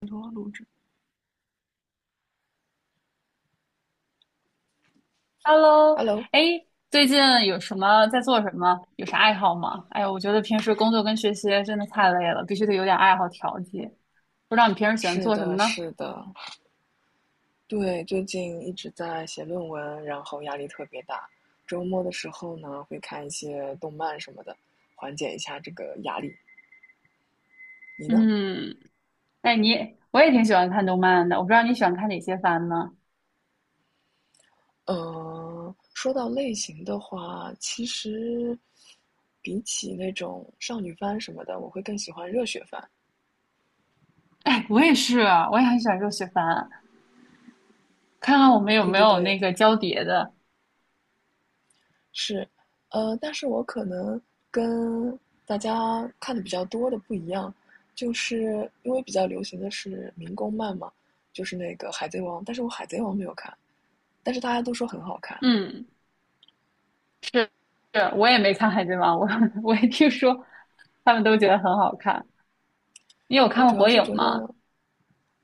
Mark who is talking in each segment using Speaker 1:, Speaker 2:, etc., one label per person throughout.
Speaker 1: 很多录制。
Speaker 2: Hello，
Speaker 1: Hello,
Speaker 2: 哎，最近有什么在做什么？有啥爱好吗？哎呀，我觉得平时工作跟学习真的太累了，必须得有点爱好调剂。不知道你平时喜欢
Speaker 1: 是
Speaker 2: 做什么
Speaker 1: 的，
Speaker 2: 呢？
Speaker 1: 是的，对，最近一直在写论文，然后压力特别大。周末的时候呢，会看一些动漫什么的，缓解一下这个压力。你呢？
Speaker 2: 嗯，哎，我也挺喜欢看动漫的，我不知道你喜欢看哪些番呢？
Speaker 1: 嗯，说到类型的话，其实比起那种少女番什么的，我会更喜欢热血番。
Speaker 2: 哎，我也是，我也很喜欢热血番，看看我们有
Speaker 1: 对
Speaker 2: 没
Speaker 1: 对
Speaker 2: 有
Speaker 1: 对，
Speaker 2: 那个交叠的。
Speaker 1: 是，但是我可能跟大家看的比较多的不一样，就是因为比较流行的是民工漫嘛，就是那个《海贼王》，但是我《海贼王》没有看，但是大家都说很好看。
Speaker 2: 嗯，是，是，我也没看《海贼王》，我 我也听说他们都觉得很好看。你有看
Speaker 1: 我
Speaker 2: 过
Speaker 1: 主要
Speaker 2: 《火
Speaker 1: 是
Speaker 2: 影》
Speaker 1: 觉得，
Speaker 2: 吗？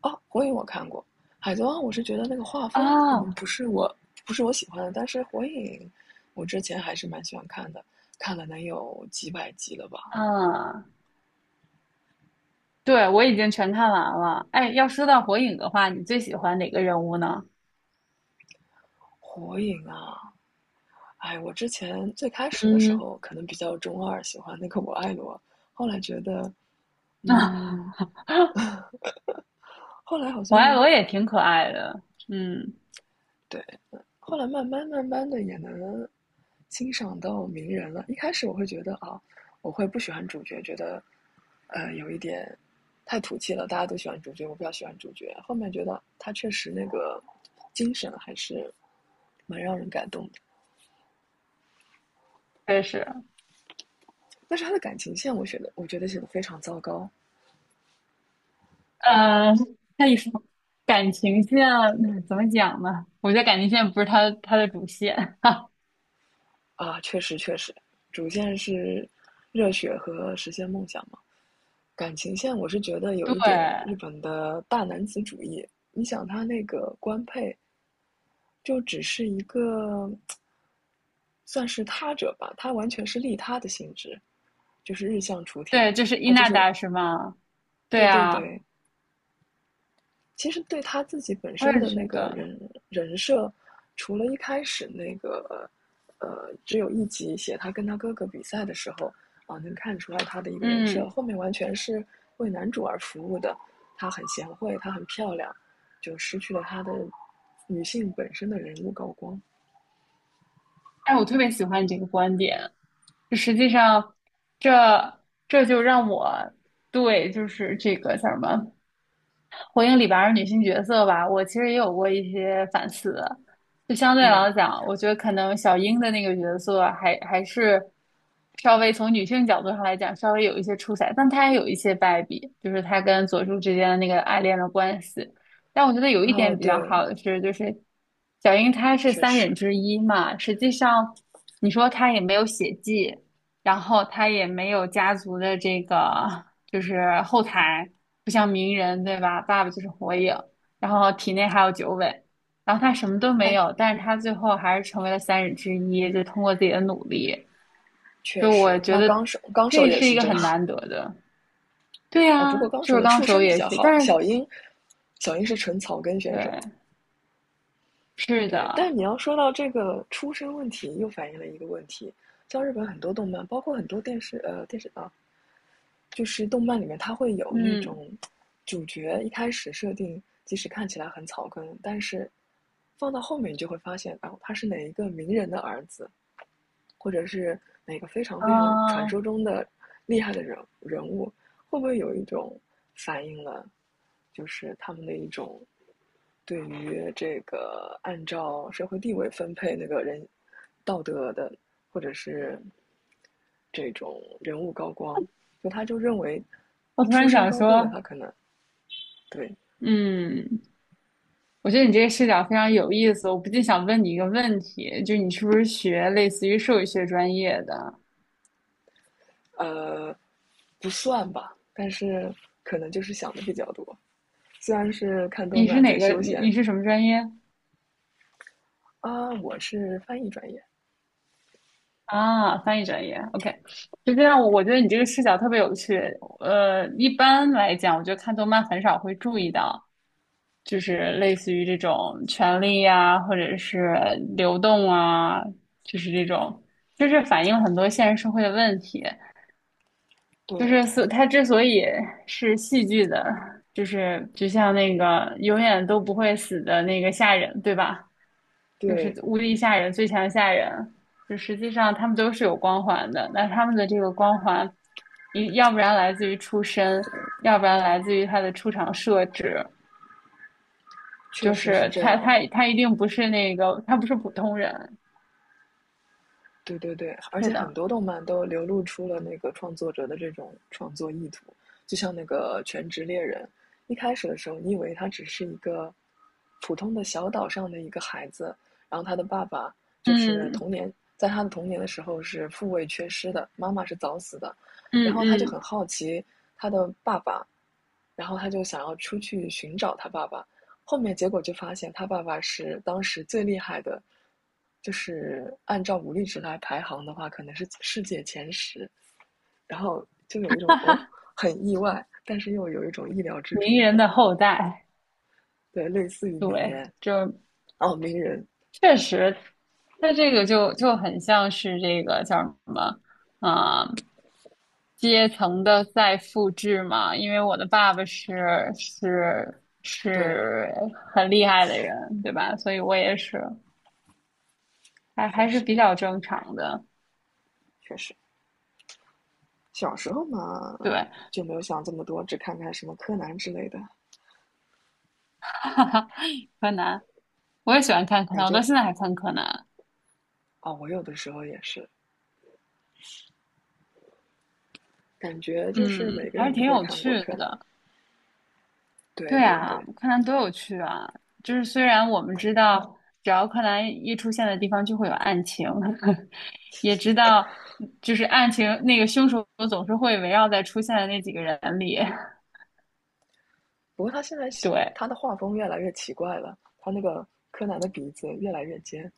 Speaker 1: 啊，火影我看过，《海贼王》我是觉得那个画风可
Speaker 2: 哦，
Speaker 1: 能不是我喜欢的，但是火影我之前还是蛮喜欢看的，看了能有几百集了吧。
Speaker 2: 嗯。对，我已经全看完了。哎，要说到火影的话，你最喜欢哪个人物呢？
Speaker 1: 火影啊，哎，我之前最开始的时
Speaker 2: 嗯，
Speaker 1: 候可能比较中二，喜欢那个我爱罗，后来觉得，嗯，后来好
Speaker 2: 我爱
Speaker 1: 像
Speaker 2: 罗也挺可爱的，嗯，
Speaker 1: 对，后来慢慢慢慢的也能欣赏到名人了。一开始我会觉得啊，我会不喜欢主角，觉得有一点太土气了，大家都喜欢主角，我比较喜欢主角。后面觉得他确实那个精神还是蛮让人感动的，
Speaker 2: 确实，
Speaker 1: 但是他的感情线，我觉得写的非常糟糕。
Speaker 2: 嗯，他一说感情线怎么讲呢？我觉得感情线不是他的主线，
Speaker 1: 啊，确实，主线是热血和实现梦想嘛。感情线我是觉得有一点日
Speaker 2: 对
Speaker 1: 本的大男子主义。你想他那个官配就只是一个算是他者吧，他完全是利他的性质，就是日向雏田，
Speaker 2: 对，就是伊
Speaker 1: 他就
Speaker 2: 那
Speaker 1: 是
Speaker 2: 达是吗？对
Speaker 1: 对对
Speaker 2: 啊，
Speaker 1: 对，其实对他自己本
Speaker 2: 我
Speaker 1: 身
Speaker 2: 也
Speaker 1: 的
Speaker 2: 觉
Speaker 1: 那个
Speaker 2: 得，
Speaker 1: 人设，除了一开始那个只有一集写他跟他哥哥比赛的时候能看出来他的一个人设，
Speaker 2: 嗯，
Speaker 1: 后面完全是为男主而服务的。她很贤惠，她很漂亮，就失去了她的女性本身的人物高光。
Speaker 2: 哎，我特别喜欢你这个观点，就实际上这这就让我对就是这个叫什么火影》里边儿女性角色吧，我其实也有过一些反思。就相对
Speaker 1: 嗯，
Speaker 2: 来讲，我觉得可能小樱的那个角色还是稍微从女性角度上来讲，稍微有一些出彩，但她也有一些败笔，就是她跟佐助之间的那个爱恋的关系。但我觉得有一
Speaker 1: 哦，
Speaker 2: 点比较
Speaker 1: 对，
Speaker 2: 好的是，就是小樱她是
Speaker 1: 确
Speaker 2: 三忍
Speaker 1: 实，
Speaker 2: 之一嘛，实际上你说她也没有血迹，然后她也没有家族的这个。就是后台不像鸣人对吧？爸爸就是火影，然后体内还有九尾，然后他什么都没
Speaker 1: 哎，
Speaker 2: 有，但是他最后还是成为了三人之一，就通过自己的努力，
Speaker 1: 确
Speaker 2: 就我
Speaker 1: 实，
Speaker 2: 觉
Speaker 1: 那
Speaker 2: 得
Speaker 1: 纲手
Speaker 2: 这
Speaker 1: 也
Speaker 2: 是一
Speaker 1: 是
Speaker 2: 个
Speaker 1: 这
Speaker 2: 很
Speaker 1: 样
Speaker 2: 难得的。对
Speaker 1: 哦。
Speaker 2: 呀，
Speaker 1: 不过纲手
Speaker 2: 就是
Speaker 1: 的
Speaker 2: 刚
Speaker 1: 出
Speaker 2: 手
Speaker 1: 身比
Speaker 2: 也
Speaker 1: 较
Speaker 2: 是，
Speaker 1: 好，
Speaker 2: 但是
Speaker 1: 小樱，小樱是纯草根选手，
Speaker 2: 对，是
Speaker 1: 对，
Speaker 2: 的，
Speaker 1: 但你要说到这个出身问题，又反映了一个问题，像日本很多动漫，包括很多电视，电视啊，就是动漫里面它会有那
Speaker 2: 嗯
Speaker 1: 种主角一开始设定，即使看起来很草根，但是放到后面你就会发现，哦，他是哪一个名人的儿子，或者是哪个非常非常传
Speaker 2: 啊，
Speaker 1: 说中的厉害的人物，会不会有一种反映了，就是他们的一种对于这个按照社会地位分配那个人道德的，或者是这种人物高光，就他就认为
Speaker 2: 我突
Speaker 1: 出
Speaker 2: 然
Speaker 1: 身
Speaker 2: 想
Speaker 1: 高贵的
Speaker 2: 说，
Speaker 1: 他可能对
Speaker 2: 嗯，我觉得你这个视角非常有意思，我不禁想问你一个问题，就是你是不是学类似于兽医学专业的？
Speaker 1: 呃不算吧，但是可能就是想的比较多。虽然是看动
Speaker 2: 你是
Speaker 1: 漫
Speaker 2: 哪
Speaker 1: 在
Speaker 2: 个？
Speaker 1: 休
Speaker 2: 你
Speaker 1: 闲，
Speaker 2: 你是什么专业
Speaker 1: 啊，我是翻译专业，
Speaker 2: 啊？翻译专业，OK。就这样，我觉得你这个视角特别有趣。一般来讲，我觉得看动漫很少会注意到，就是类似于这种权力呀、或者是流动啊，就是这种，就是反映很多现实社会的问题。就
Speaker 1: 对
Speaker 2: 是所它之所以是戏剧的，就是就像那个永远都不会死的那个下人，对吧？就是
Speaker 1: 对，
Speaker 2: 无敌吓人，最强吓人。就实际上他们都是有光环的，那他们的这个光环，一要不然来自于出身，要不然来自于他的出场设置，
Speaker 1: 确
Speaker 2: 就
Speaker 1: 实是
Speaker 2: 是
Speaker 1: 这
Speaker 2: 他
Speaker 1: 样的。
Speaker 2: 他他一定不是那个，他不是普通人。
Speaker 1: 对对对，而
Speaker 2: 是
Speaker 1: 且很
Speaker 2: 的，
Speaker 1: 多动漫都流露出了那个创作者的这种创作意图，就像那个《全职猎人》，一开始的时候，你以为他只是一个普通的小岛上的一个孩子，然后他的爸爸就是
Speaker 2: 嗯
Speaker 1: 童年，在他的童年的时候是父位缺失的，妈妈是早死的，然
Speaker 2: 嗯
Speaker 1: 后他就
Speaker 2: 嗯，
Speaker 1: 很好奇他的爸爸，然后他就想要出去寻找他爸爸，后面结果就发现他爸爸是当时最厉害的，就是按照武力值来排行的话，可能是世界前十。然后就有一种哦，很意外，但是又有一种意料之
Speaker 2: 名
Speaker 1: 中。
Speaker 2: 人的后代，
Speaker 1: 对，类似于名
Speaker 2: 对，
Speaker 1: 媛
Speaker 2: 就
Speaker 1: 哦，名人。
Speaker 2: 确实，它这个就很像是这个叫什么啊、阶层的再复制嘛。因为我的爸爸是是
Speaker 1: 对，
Speaker 2: 是很厉害的人，对吧？所以我也是还
Speaker 1: 确
Speaker 2: 还是
Speaker 1: 实
Speaker 2: 比较正常的。
Speaker 1: 确实，小时候嘛
Speaker 2: 对，
Speaker 1: 就没有想这么多，只看看什么柯南之类的。
Speaker 2: 柯南，我也喜欢看柯
Speaker 1: 感
Speaker 2: 南，我
Speaker 1: 觉
Speaker 2: 到现在还看柯南，
Speaker 1: 哦，我有的时候也是，感觉就是每
Speaker 2: 嗯，
Speaker 1: 个
Speaker 2: 还是
Speaker 1: 人都
Speaker 2: 挺
Speaker 1: 会
Speaker 2: 有
Speaker 1: 看
Speaker 2: 趣
Speaker 1: 过柯南。
Speaker 2: 的。
Speaker 1: 对
Speaker 2: 对
Speaker 1: 对
Speaker 2: 啊，
Speaker 1: 对，
Speaker 2: 柯南多有趣啊！就是虽然我们知道，只要柯南一出现的地方就会有案情，也知道就是案情那个凶手总是会围绕在出现的那几个人里。
Speaker 1: 不过他现在 写
Speaker 2: 对，
Speaker 1: 他的画风越来越奇怪了，他那个柯南的鼻子越来越尖，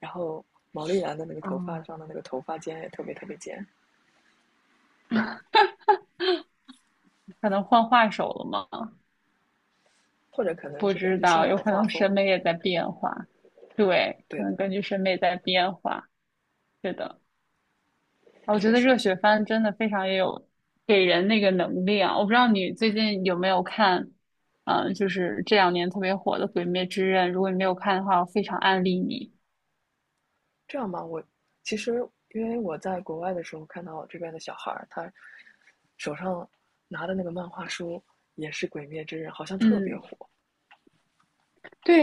Speaker 1: 然后毛利兰的那个头发
Speaker 2: 啊，
Speaker 1: 上的那个头发尖也特别特别尖，
Speaker 2: 可能换画手了吗？
Speaker 1: 或者可能
Speaker 2: 不
Speaker 1: 是根
Speaker 2: 知
Speaker 1: 据现
Speaker 2: 道，
Speaker 1: 在
Speaker 2: 有
Speaker 1: 的
Speaker 2: 可
Speaker 1: 画
Speaker 2: 能审
Speaker 1: 风，
Speaker 2: 美也在变化。对，可
Speaker 1: 对
Speaker 2: 能
Speaker 1: 的，
Speaker 2: 根据审美在变化。是的。我觉
Speaker 1: 确
Speaker 2: 得
Speaker 1: 实
Speaker 2: 热血番真的非常也有给人那个能力啊！我不知道你最近有没有看，就是这两年特别火的《鬼灭之刃》。如果你没有看的话，我非常安利你。
Speaker 1: 这样吧。我其实因为我在国外的时候看到这边的小孩他手上拿的那个漫画书也是《鬼灭之刃》，好像特别
Speaker 2: 嗯，
Speaker 1: 火。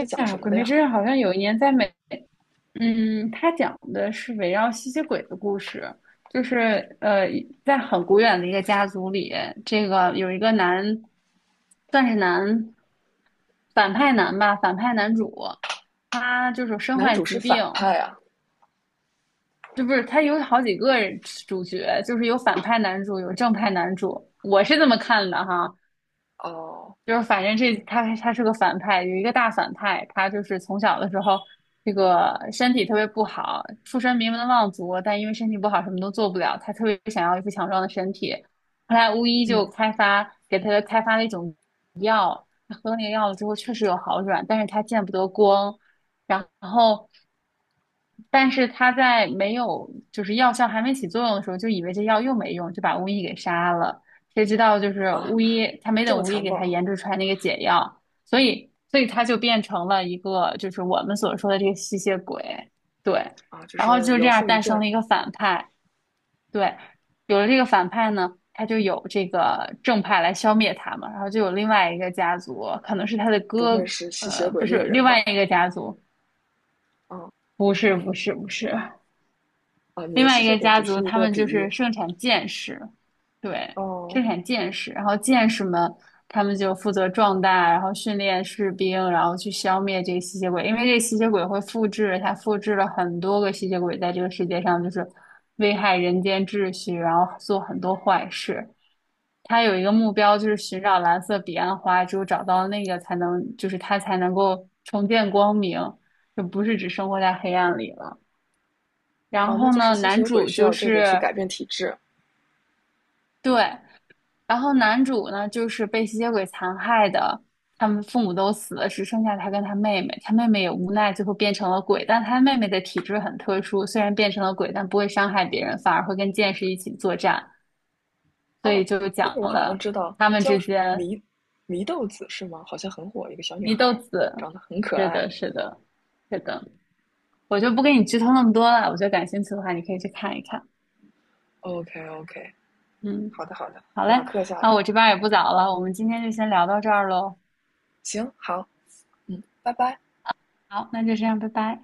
Speaker 1: 那讲
Speaker 2: 呀、《
Speaker 1: 什么
Speaker 2: 鬼
Speaker 1: 的
Speaker 2: 灭
Speaker 1: 呀？
Speaker 2: 之刃》好像有一年在美，嗯，它讲的是围绕吸血鬼的故事，就是呃，在很古远的一个家族里，这个有一个男，算是反派男吧，反派男主，他就是身
Speaker 1: 男
Speaker 2: 患
Speaker 1: 主
Speaker 2: 疾
Speaker 1: 是
Speaker 2: 病。
Speaker 1: 反派啊？
Speaker 2: 这不是他有好几个主角，就是有反派男主，有正派男主，我是这么看的哈。
Speaker 1: 哦，
Speaker 2: 就是反正这他是个反派，有一个大反派，他就是从小的时候这个身体特别不好，出身名门望族，但因为身体不好什么都做不了，他特别想要一副强壮的身体。后来巫医就
Speaker 1: 嗯
Speaker 2: 开发给他开发了一种喝那个药了之后确实有好转，但是他见不得光，然后。但是他在没有就是药效还没起作用的时候，就以为这药又没用，就把巫医给杀了。谁知道就是
Speaker 1: 啊，
Speaker 2: 巫医，他没
Speaker 1: 这么
Speaker 2: 等巫医
Speaker 1: 残
Speaker 2: 给他
Speaker 1: 暴
Speaker 2: 研制出来那个解药，所以他就变成了一个就是我们所说的这个吸血鬼，对。
Speaker 1: 啊，就
Speaker 2: 然后
Speaker 1: 是
Speaker 2: 就这
Speaker 1: 有
Speaker 2: 样
Speaker 1: 后遗
Speaker 2: 诞生
Speaker 1: 症。
Speaker 2: 了一个反派，对，有了这个反派呢，他就有这个正派来消灭他嘛，然后就有另外一个家族，可能是他的
Speaker 1: 不
Speaker 2: 哥，
Speaker 1: 会是吸血
Speaker 2: 呃，
Speaker 1: 鬼
Speaker 2: 不是，
Speaker 1: 猎
Speaker 2: 另
Speaker 1: 人
Speaker 2: 外
Speaker 1: 吧？
Speaker 2: 一个家族，
Speaker 1: 哦
Speaker 2: 不是，
Speaker 1: 哦，你
Speaker 2: 另
Speaker 1: 的
Speaker 2: 外
Speaker 1: 吸
Speaker 2: 一
Speaker 1: 血
Speaker 2: 个
Speaker 1: 鬼
Speaker 2: 家
Speaker 1: 只
Speaker 2: 族，
Speaker 1: 是一
Speaker 2: 他
Speaker 1: 个
Speaker 2: 们
Speaker 1: 比
Speaker 2: 就是
Speaker 1: 喻。
Speaker 2: 盛产剑士，对，
Speaker 1: 哦
Speaker 2: 盛产剑士，然后剑士们他们就负责壮大，然后训练士兵，然后去消灭这个吸血鬼，因为这个吸血鬼会复制，他复制了很多个吸血鬼在这个世界上，就是危害人间秩序，然后做很多坏事。他有一个目标，就是寻找蓝色彼岸花，只有找到那个才能，就是他才能够重见光明，就不是只生活在黑暗里了。然
Speaker 1: 哦，那
Speaker 2: 后
Speaker 1: 就是
Speaker 2: 呢，
Speaker 1: 吸
Speaker 2: 男
Speaker 1: 血鬼
Speaker 2: 主
Speaker 1: 需
Speaker 2: 就
Speaker 1: 要这个去
Speaker 2: 是
Speaker 1: 改变体质。
Speaker 2: 对，然后男主呢就是被吸血鬼残害的，他们父母都死了，只剩下他跟他妹妹，他妹妹也无奈最后变成了鬼，但他妹妹的体质很特殊，虽然变成了鬼，但不会伤害别人，反而会跟剑士一起作战，所以
Speaker 1: 哦，
Speaker 2: 就
Speaker 1: 那
Speaker 2: 讲
Speaker 1: 个我好像
Speaker 2: 了。
Speaker 1: 知道，
Speaker 2: 他们
Speaker 1: 叫
Speaker 2: 之
Speaker 1: 什
Speaker 2: 间
Speaker 1: 迷祢豆子是吗？好像很火，一个小女
Speaker 2: 祢
Speaker 1: 孩
Speaker 2: 豆
Speaker 1: 儿，
Speaker 2: 子，
Speaker 1: 长得很可
Speaker 2: 是
Speaker 1: 爱。
Speaker 2: 的，是的，是的，我就不给你剧透那么多了。我觉得感兴趣的话，你可以去看一看。
Speaker 1: OK OK,
Speaker 2: 嗯，
Speaker 1: 好的好的，
Speaker 2: 好嘞，
Speaker 1: 马克下
Speaker 2: 那
Speaker 1: 来。
Speaker 2: 我这边儿也不早了，我们今天就先聊到这儿喽。
Speaker 1: 行，好，嗯，拜拜。
Speaker 2: 好，那就这样，拜拜。